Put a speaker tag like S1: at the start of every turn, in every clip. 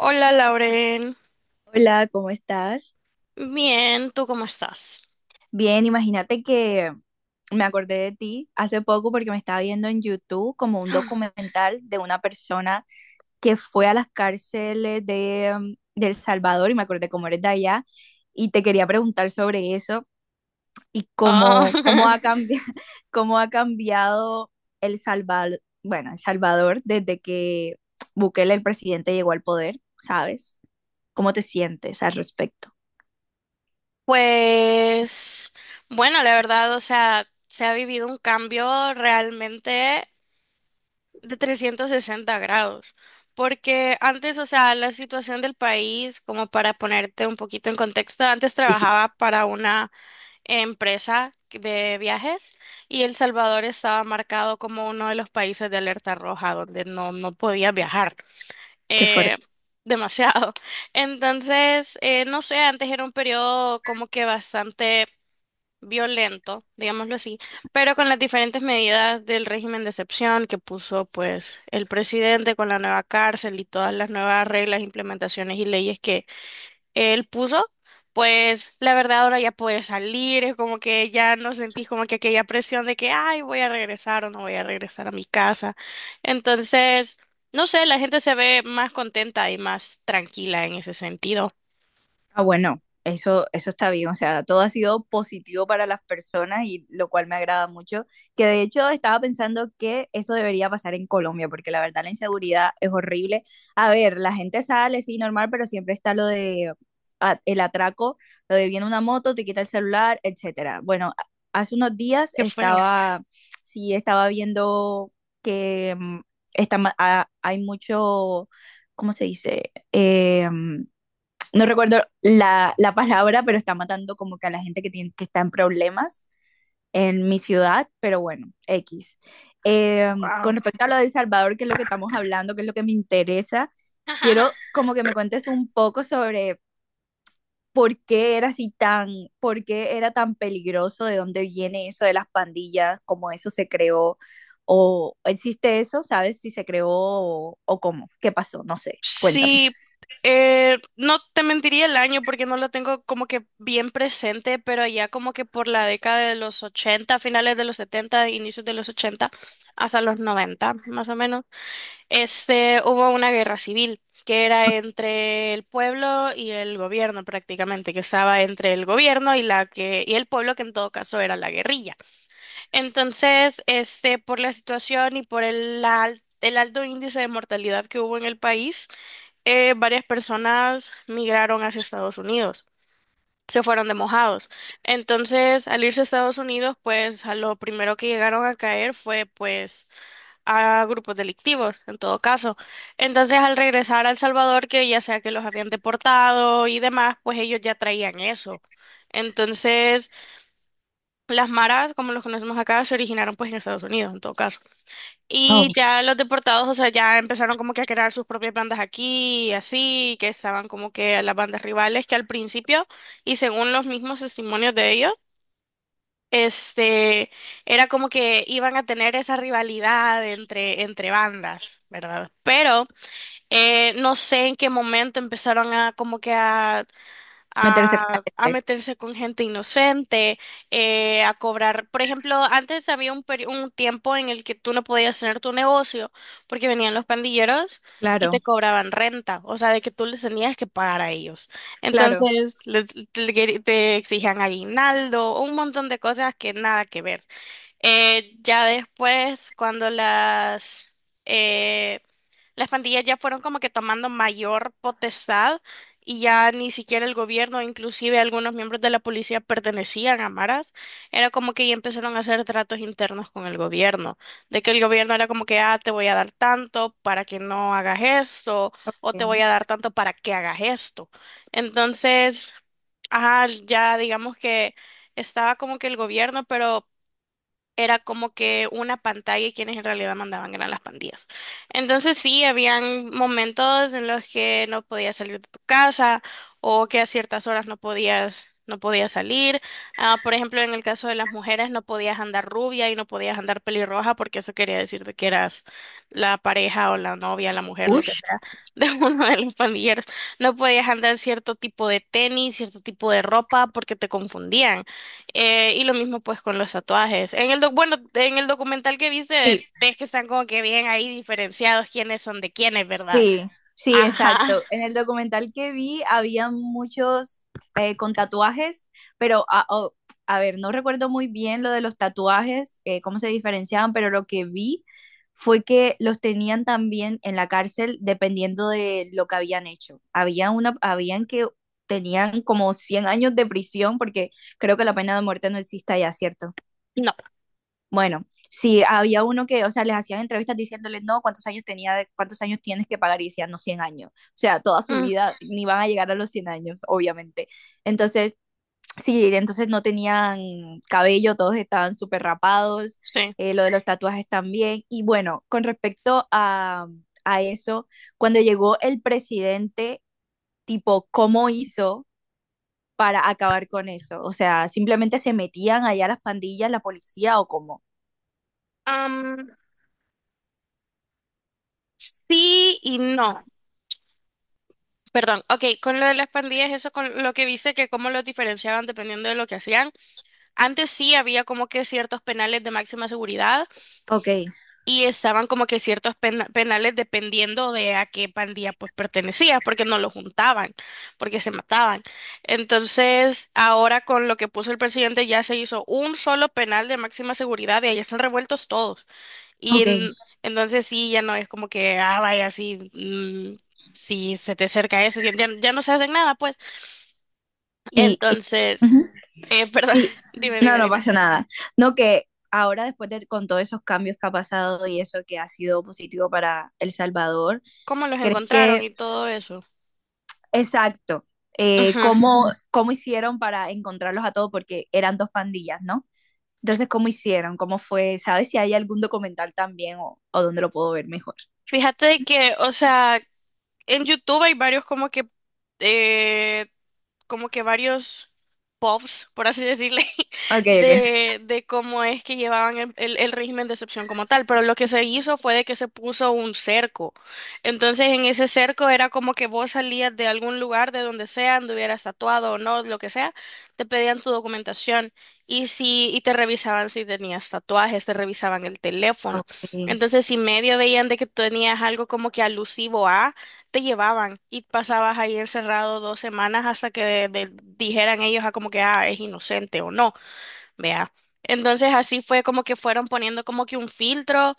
S1: Hola, Lauren.
S2: Hola, ¿cómo estás?
S1: Bien, ¿tú cómo estás?
S2: Bien, imagínate que me acordé de ti hace poco porque me estaba viendo en YouTube como un documental de una persona que fue a las cárceles de El Salvador y me acordé cómo eres de allá y te quería preguntar sobre eso y
S1: Ah,
S2: cómo ha cambiado, cómo ha cambiado El Salvador, bueno, El Salvador desde que Bukele, el presidente, llegó al poder, ¿sabes? ¿Cómo te sientes al respecto?
S1: pues bueno, la verdad, o sea, se ha vivido un cambio realmente de 360 grados, porque antes, o sea, la situación del país, como para ponerte un poquito en contexto, antes
S2: Sí, sí.
S1: trabajaba para una empresa de viajes y El Salvador estaba marcado como uno de los países de alerta roja donde no podía viajar.
S2: Qué fuerte.
S1: eh, Demasiado. Entonces, no sé, antes era un periodo como que bastante violento, digámoslo así, pero con las diferentes medidas del régimen de excepción que puso pues el presidente con la nueva cárcel y todas las nuevas reglas, implementaciones y leyes que él puso, pues la verdad ahora ya puedes salir, es como que ya no sentís como que aquella presión de que, ay, voy a regresar o no voy a regresar a mi casa. Entonces, no sé, la gente se ve más contenta y más tranquila en ese sentido.
S2: Ah, bueno, eso está bien, o sea, todo ha sido positivo para las personas y lo cual me agrada mucho, que de hecho estaba pensando que eso debería pasar en Colombia, porque la verdad la inseguridad es horrible. A ver, la gente sale, sí, normal, pero siempre está lo de el atraco, lo de viene una moto, te quita el celular, etcétera. Bueno, hace unos días
S1: Qué feo.
S2: estaba, sí, estaba viendo que está, hay mucho, ¿cómo se dice? No recuerdo la palabra, pero está matando como que a la gente que, tiene, que está en problemas en mi ciudad, pero bueno, X. Eh, con
S1: Wow.
S2: respecto a lo de El Salvador, que es lo que estamos hablando, que es lo que me interesa, quiero como que me cuentes un poco sobre por qué era así tan, por qué era tan peligroso, de dónde viene eso de las pandillas, cómo eso se creó, o existe eso, ¿sabes? Si se creó o cómo, qué pasó, no sé, cuéntame.
S1: Sí, no te mentiría el año porque no lo tengo como que bien presente, pero ya como que por la década de los ochenta, finales de los setenta, inicios de los 80 hasta los 90 más o menos. Este, hubo una guerra civil que era entre el pueblo y el gobierno prácticamente, que estaba entre el gobierno y la que y el pueblo que en todo caso era la guerrilla. Entonces, este, por la situación y por el el alto índice de mortalidad que hubo en el país, varias personas migraron hacia Estados Unidos. Se fueron de mojados. Entonces, al irse a Estados Unidos, pues a lo primero que llegaron a caer fue pues a grupos delictivos, en todo caso. Entonces, al regresar a El Salvador, que ya sea que los habían deportado y demás, pues ellos ya traían eso. Entonces, las maras, como los conocemos acá, se originaron pues en Estados Unidos, en todo caso.
S2: Oh,
S1: Y ya los deportados, o sea, ya empezaron como que a crear sus propias bandas aquí, y así, que estaban como que a las bandas rivales, que al principio, y según los mismos testimonios de ellos, este, era como que iban a tener esa rivalidad entre, entre bandas, ¿verdad? Pero no sé en qué momento empezaron a como que a
S2: meterse con la
S1: a
S2: gente,
S1: meterse con gente inocente, a cobrar. Por ejemplo, antes había un tiempo en el que tú no podías tener tu negocio porque venían los pandilleros y te
S2: claro,
S1: cobraban renta, o sea, de que tú les tenías que pagar a ellos.
S2: claro.
S1: Entonces, te exigían aguinaldo, un montón de cosas que nada que ver. Ya después, cuando eh, las pandillas ya fueron como que tomando mayor potestad y ya ni siquiera el gobierno, inclusive algunos miembros de la policía pertenecían a maras, era como que ya empezaron a hacer tratos internos con el gobierno, de que el gobierno era como que, ah, te voy a dar tanto para que no hagas esto, o te voy
S2: Ok.
S1: a dar tanto para que hagas esto. Entonces, ajá, ya digamos que estaba como que el gobierno, pero era como que una pantalla y quienes en realidad mandaban eran las pandillas. Entonces sí, habían momentos en los que no podías salir de tu casa o que a ciertas horas no podías salir. Ah, por ejemplo, en el caso de las mujeres no podías andar rubia y no podías andar pelirroja porque eso quería decir de que eras la pareja o la novia, la mujer, lo que
S2: Ush.
S1: sea, de uno de los pandilleros. No podías andar cierto tipo de tenis, cierto tipo de ropa porque te confundían. Y lo mismo pues con los tatuajes. En el bueno, en el documental que viste,
S2: Sí,
S1: ves que están como que bien ahí diferenciados quiénes son de quiénes, ¿verdad?
S2: sí, sí,
S1: Ajá,
S2: exacto. En el documental que vi había muchos con tatuajes, pero a ver, no recuerdo muy bien lo de los tatuajes, cómo se diferenciaban, pero lo que vi fue que los tenían también en la cárcel dependiendo de lo que habían hecho. Había una, habían que tenían como 100 años de prisión, porque creo que la pena de muerte no existe allá, ¿cierto?
S1: no.
S2: Bueno, sí, había uno que, o sea, les hacían entrevistas diciéndoles, no, ¿cuántos años tenía, cuántos años tienes que pagar? Y decían, no, 100 años. O sea, toda su
S1: Mm,
S2: vida ni van a llegar a los 100 años, obviamente. Entonces, sí, entonces no tenían cabello, todos estaban súper rapados,
S1: sí.
S2: lo de los tatuajes también. Y bueno, con respecto a eso, cuando llegó el presidente, tipo, ¿cómo hizo? Para acabar con eso. O sea, simplemente se metían allá las pandillas, la policía o cómo.
S1: Am, sí y no. Perdón, ok, con lo de las pandillas, eso con lo que viste, que cómo los diferenciaban dependiendo de lo que hacían. Antes sí había como que ciertos penales de máxima seguridad,
S2: Ok,
S1: y estaban como que ciertos penales dependiendo de a qué pandilla pues pertenecías, porque no lo juntaban, porque se mataban. Entonces, ahora con lo que puso el presidente ya se hizo un solo penal de máxima seguridad y ahí están revueltos todos. Y
S2: ok.
S1: entonces sí, ya no es como que, ah, vaya, sí, si se te acerca eso, ya, ya no se hacen nada, pues.
S2: Y, y-
S1: Entonces,
S2: ujú.
S1: perdón,
S2: Sí,
S1: dime,
S2: no,
S1: dime,
S2: no
S1: dime,
S2: pasa nada. No que ahora después de con todos esos cambios que ha pasado y eso que ha sido positivo para El Salvador,
S1: ¿cómo los
S2: ¿crees
S1: encontraron
S2: que,
S1: y todo eso?
S2: exacto,
S1: Ujú.
S2: cómo, ujú, cómo hicieron para encontrarlos a todos? Porque eran dos pandillas, ¿no? Entonces, ¿cómo hicieron? ¿Cómo fue? ¿Sabes si hay algún documental también o dónde lo puedo ver mejor?
S1: Fíjate que, o sea, en YouTube hay varios eh, como que varios pops por así decirle,
S2: Ok, ok.
S1: de cómo es que llevaban el régimen de excepción como tal, pero lo que se hizo fue de que se puso un cerco. Entonces en ese cerco era como que vos salías de algún lugar, de donde sea, anduvieras tatuado o no, lo que sea, te pedían tu documentación y te revisaban si tenías tatuajes, te revisaban el teléfono.
S2: Ok.
S1: Entonces si medio veían de que tenías algo como que alusivo a, te llevaban y pasabas ahí encerrado 2 semanas hasta que dijeran ellos a como que ah, es inocente o no, vea. Entonces así fue como que fueron poniendo como que un filtro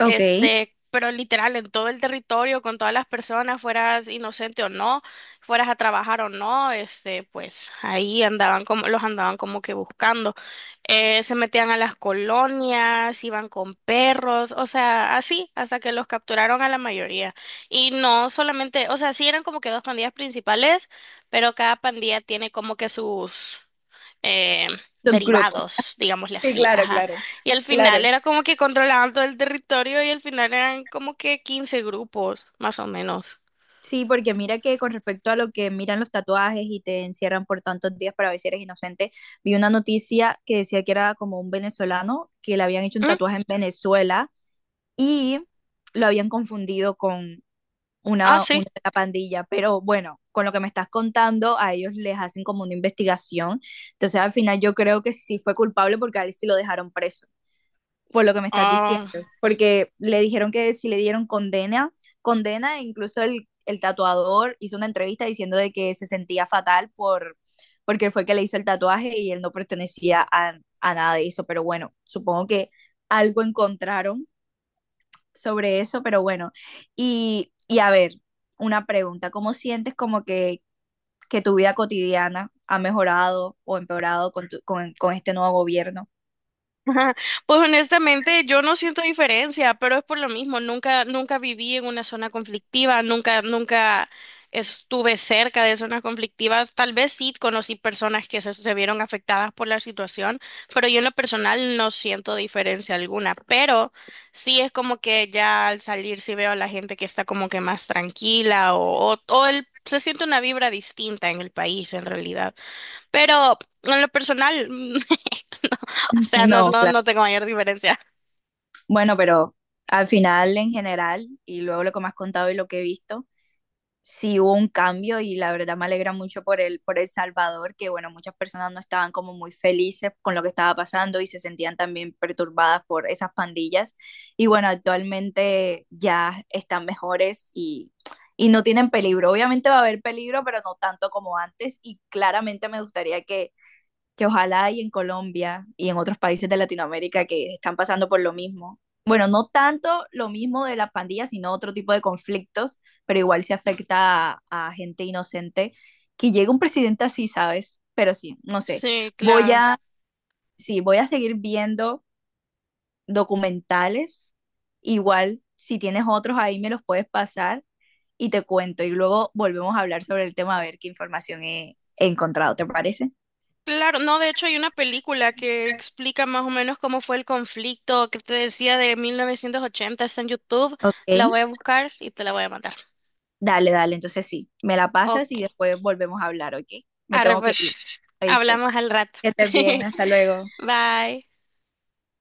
S2: Ok.
S1: este, pero literal, en todo el territorio, con todas las personas, fueras inocente o no, fueras a trabajar o no, este, pues ahí andaban como, los andaban como que buscando. Se metían a las colonias, iban con perros, o sea, así, hasta que los capturaron a la mayoría. Y no solamente, o sea, sí eran como que dos pandillas principales, pero cada pandilla tiene como que sus eh,
S2: Subgrupos.
S1: derivados, digámosle
S2: Sí,
S1: así,
S2: claro,
S1: ajá.
S2: claro.
S1: Y al
S2: Claro.
S1: final era como que controlaban todo el territorio y al final eran como que 15 grupos, más o menos.
S2: Sí, porque mira que con respecto a lo que miran los tatuajes y te encierran por tantos días para ver si eres inocente, vi una noticia que decía que era como un venezolano que le habían hecho un
S1: ¿Mm?
S2: tatuaje en Venezuela y lo habían confundido con
S1: Ah,
S2: una,
S1: sí.
S2: una pandilla. Pero bueno, con lo que me estás contando, a ellos les hacen como una investigación. Entonces al final yo creo que sí fue culpable porque a él sí lo dejaron preso por lo que me estás diciendo,
S1: Ah.
S2: porque le dijeron que si le dieron condena, e incluso el tatuador hizo una entrevista diciendo de que se sentía fatal porque fue el que le hizo el tatuaje y él no pertenecía a nada de eso, pero bueno, supongo que algo encontraron sobre eso, pero bueno, a ver, una pregunta, ¿cómo sientes como que tu vida cotidiana ha mejorado o empeorado con este nuevo gobierno?
S1: Ajá. Pues honestamente yo no siento diferencia, pero es por lo mismo, nunca, nunca viví en una zona conflictiva, nunca, nunca estuve cerca de zonas conflictivas, tal vez sí conocí personas que se vieron afectadas por la situación, pero yo en lo personal no siento diferencia alguna, pero sí es como que ya al salir sí veo a la gente que está como que más tranquila o, o se siente una vibra distinta en el país en realidad, pero en lo personal. O sea, no,
S2: No,
S1: no,
S2: claro.
S1: no tengo mayor diferencia.
S2: Bueno, pero al final en general, y luego lo que me has contado y lo que he visto, sí hubo un cambio y la verdad me alegra mucho por El Salvador, que bueno, muchas personas no estaban como muy felices con lo que estaba pasando y se sentían también perturbadas por esas pandillas. Y bueno, actualmente ya están mejores y no tienen peligro. Obviamente va a haber peligro, pero no tanto como antes y claramente me gustaría que ojalá hay en Colombia y en otros países de Latinoamérica que están pasando por lo mismo. Bueno, no tanto lo mismo de las pandillas, sino otro tipo de conflictos, pero igual se afecta a gente inocente. Que llegue un presidente así, ¿sabes? Pero sí, no sé.
S1: Sí,
S2: Voy
S1: claro.
S2: a, sí, voy a seguir viendo documentales. Igual, si tienes otros ahí, me los puedes pasar y te cuento. Y luego volvemos a hablar sobre el tema, a ver qué información he encontrado, ¿te parece?
S1: Claro, no, de hecho hay una película que explica más o menos cómo fue el conflicto que te decía de 1980, está en YouTube,
S2: Ok.
S1: la voy a buscar y te la voy a mandar.
S2: Dale, dale, entonces sí, me la pasas
S1: Ok.
S2: y después volvemos a hablar, ¿ok? Me
S1: Arre,
S2: tengo que ir,
S1: pues,
S2: ¿oíste?
S1: hablamos al rato.
S2: Que estés bien, hasta luego.
S1: Bye.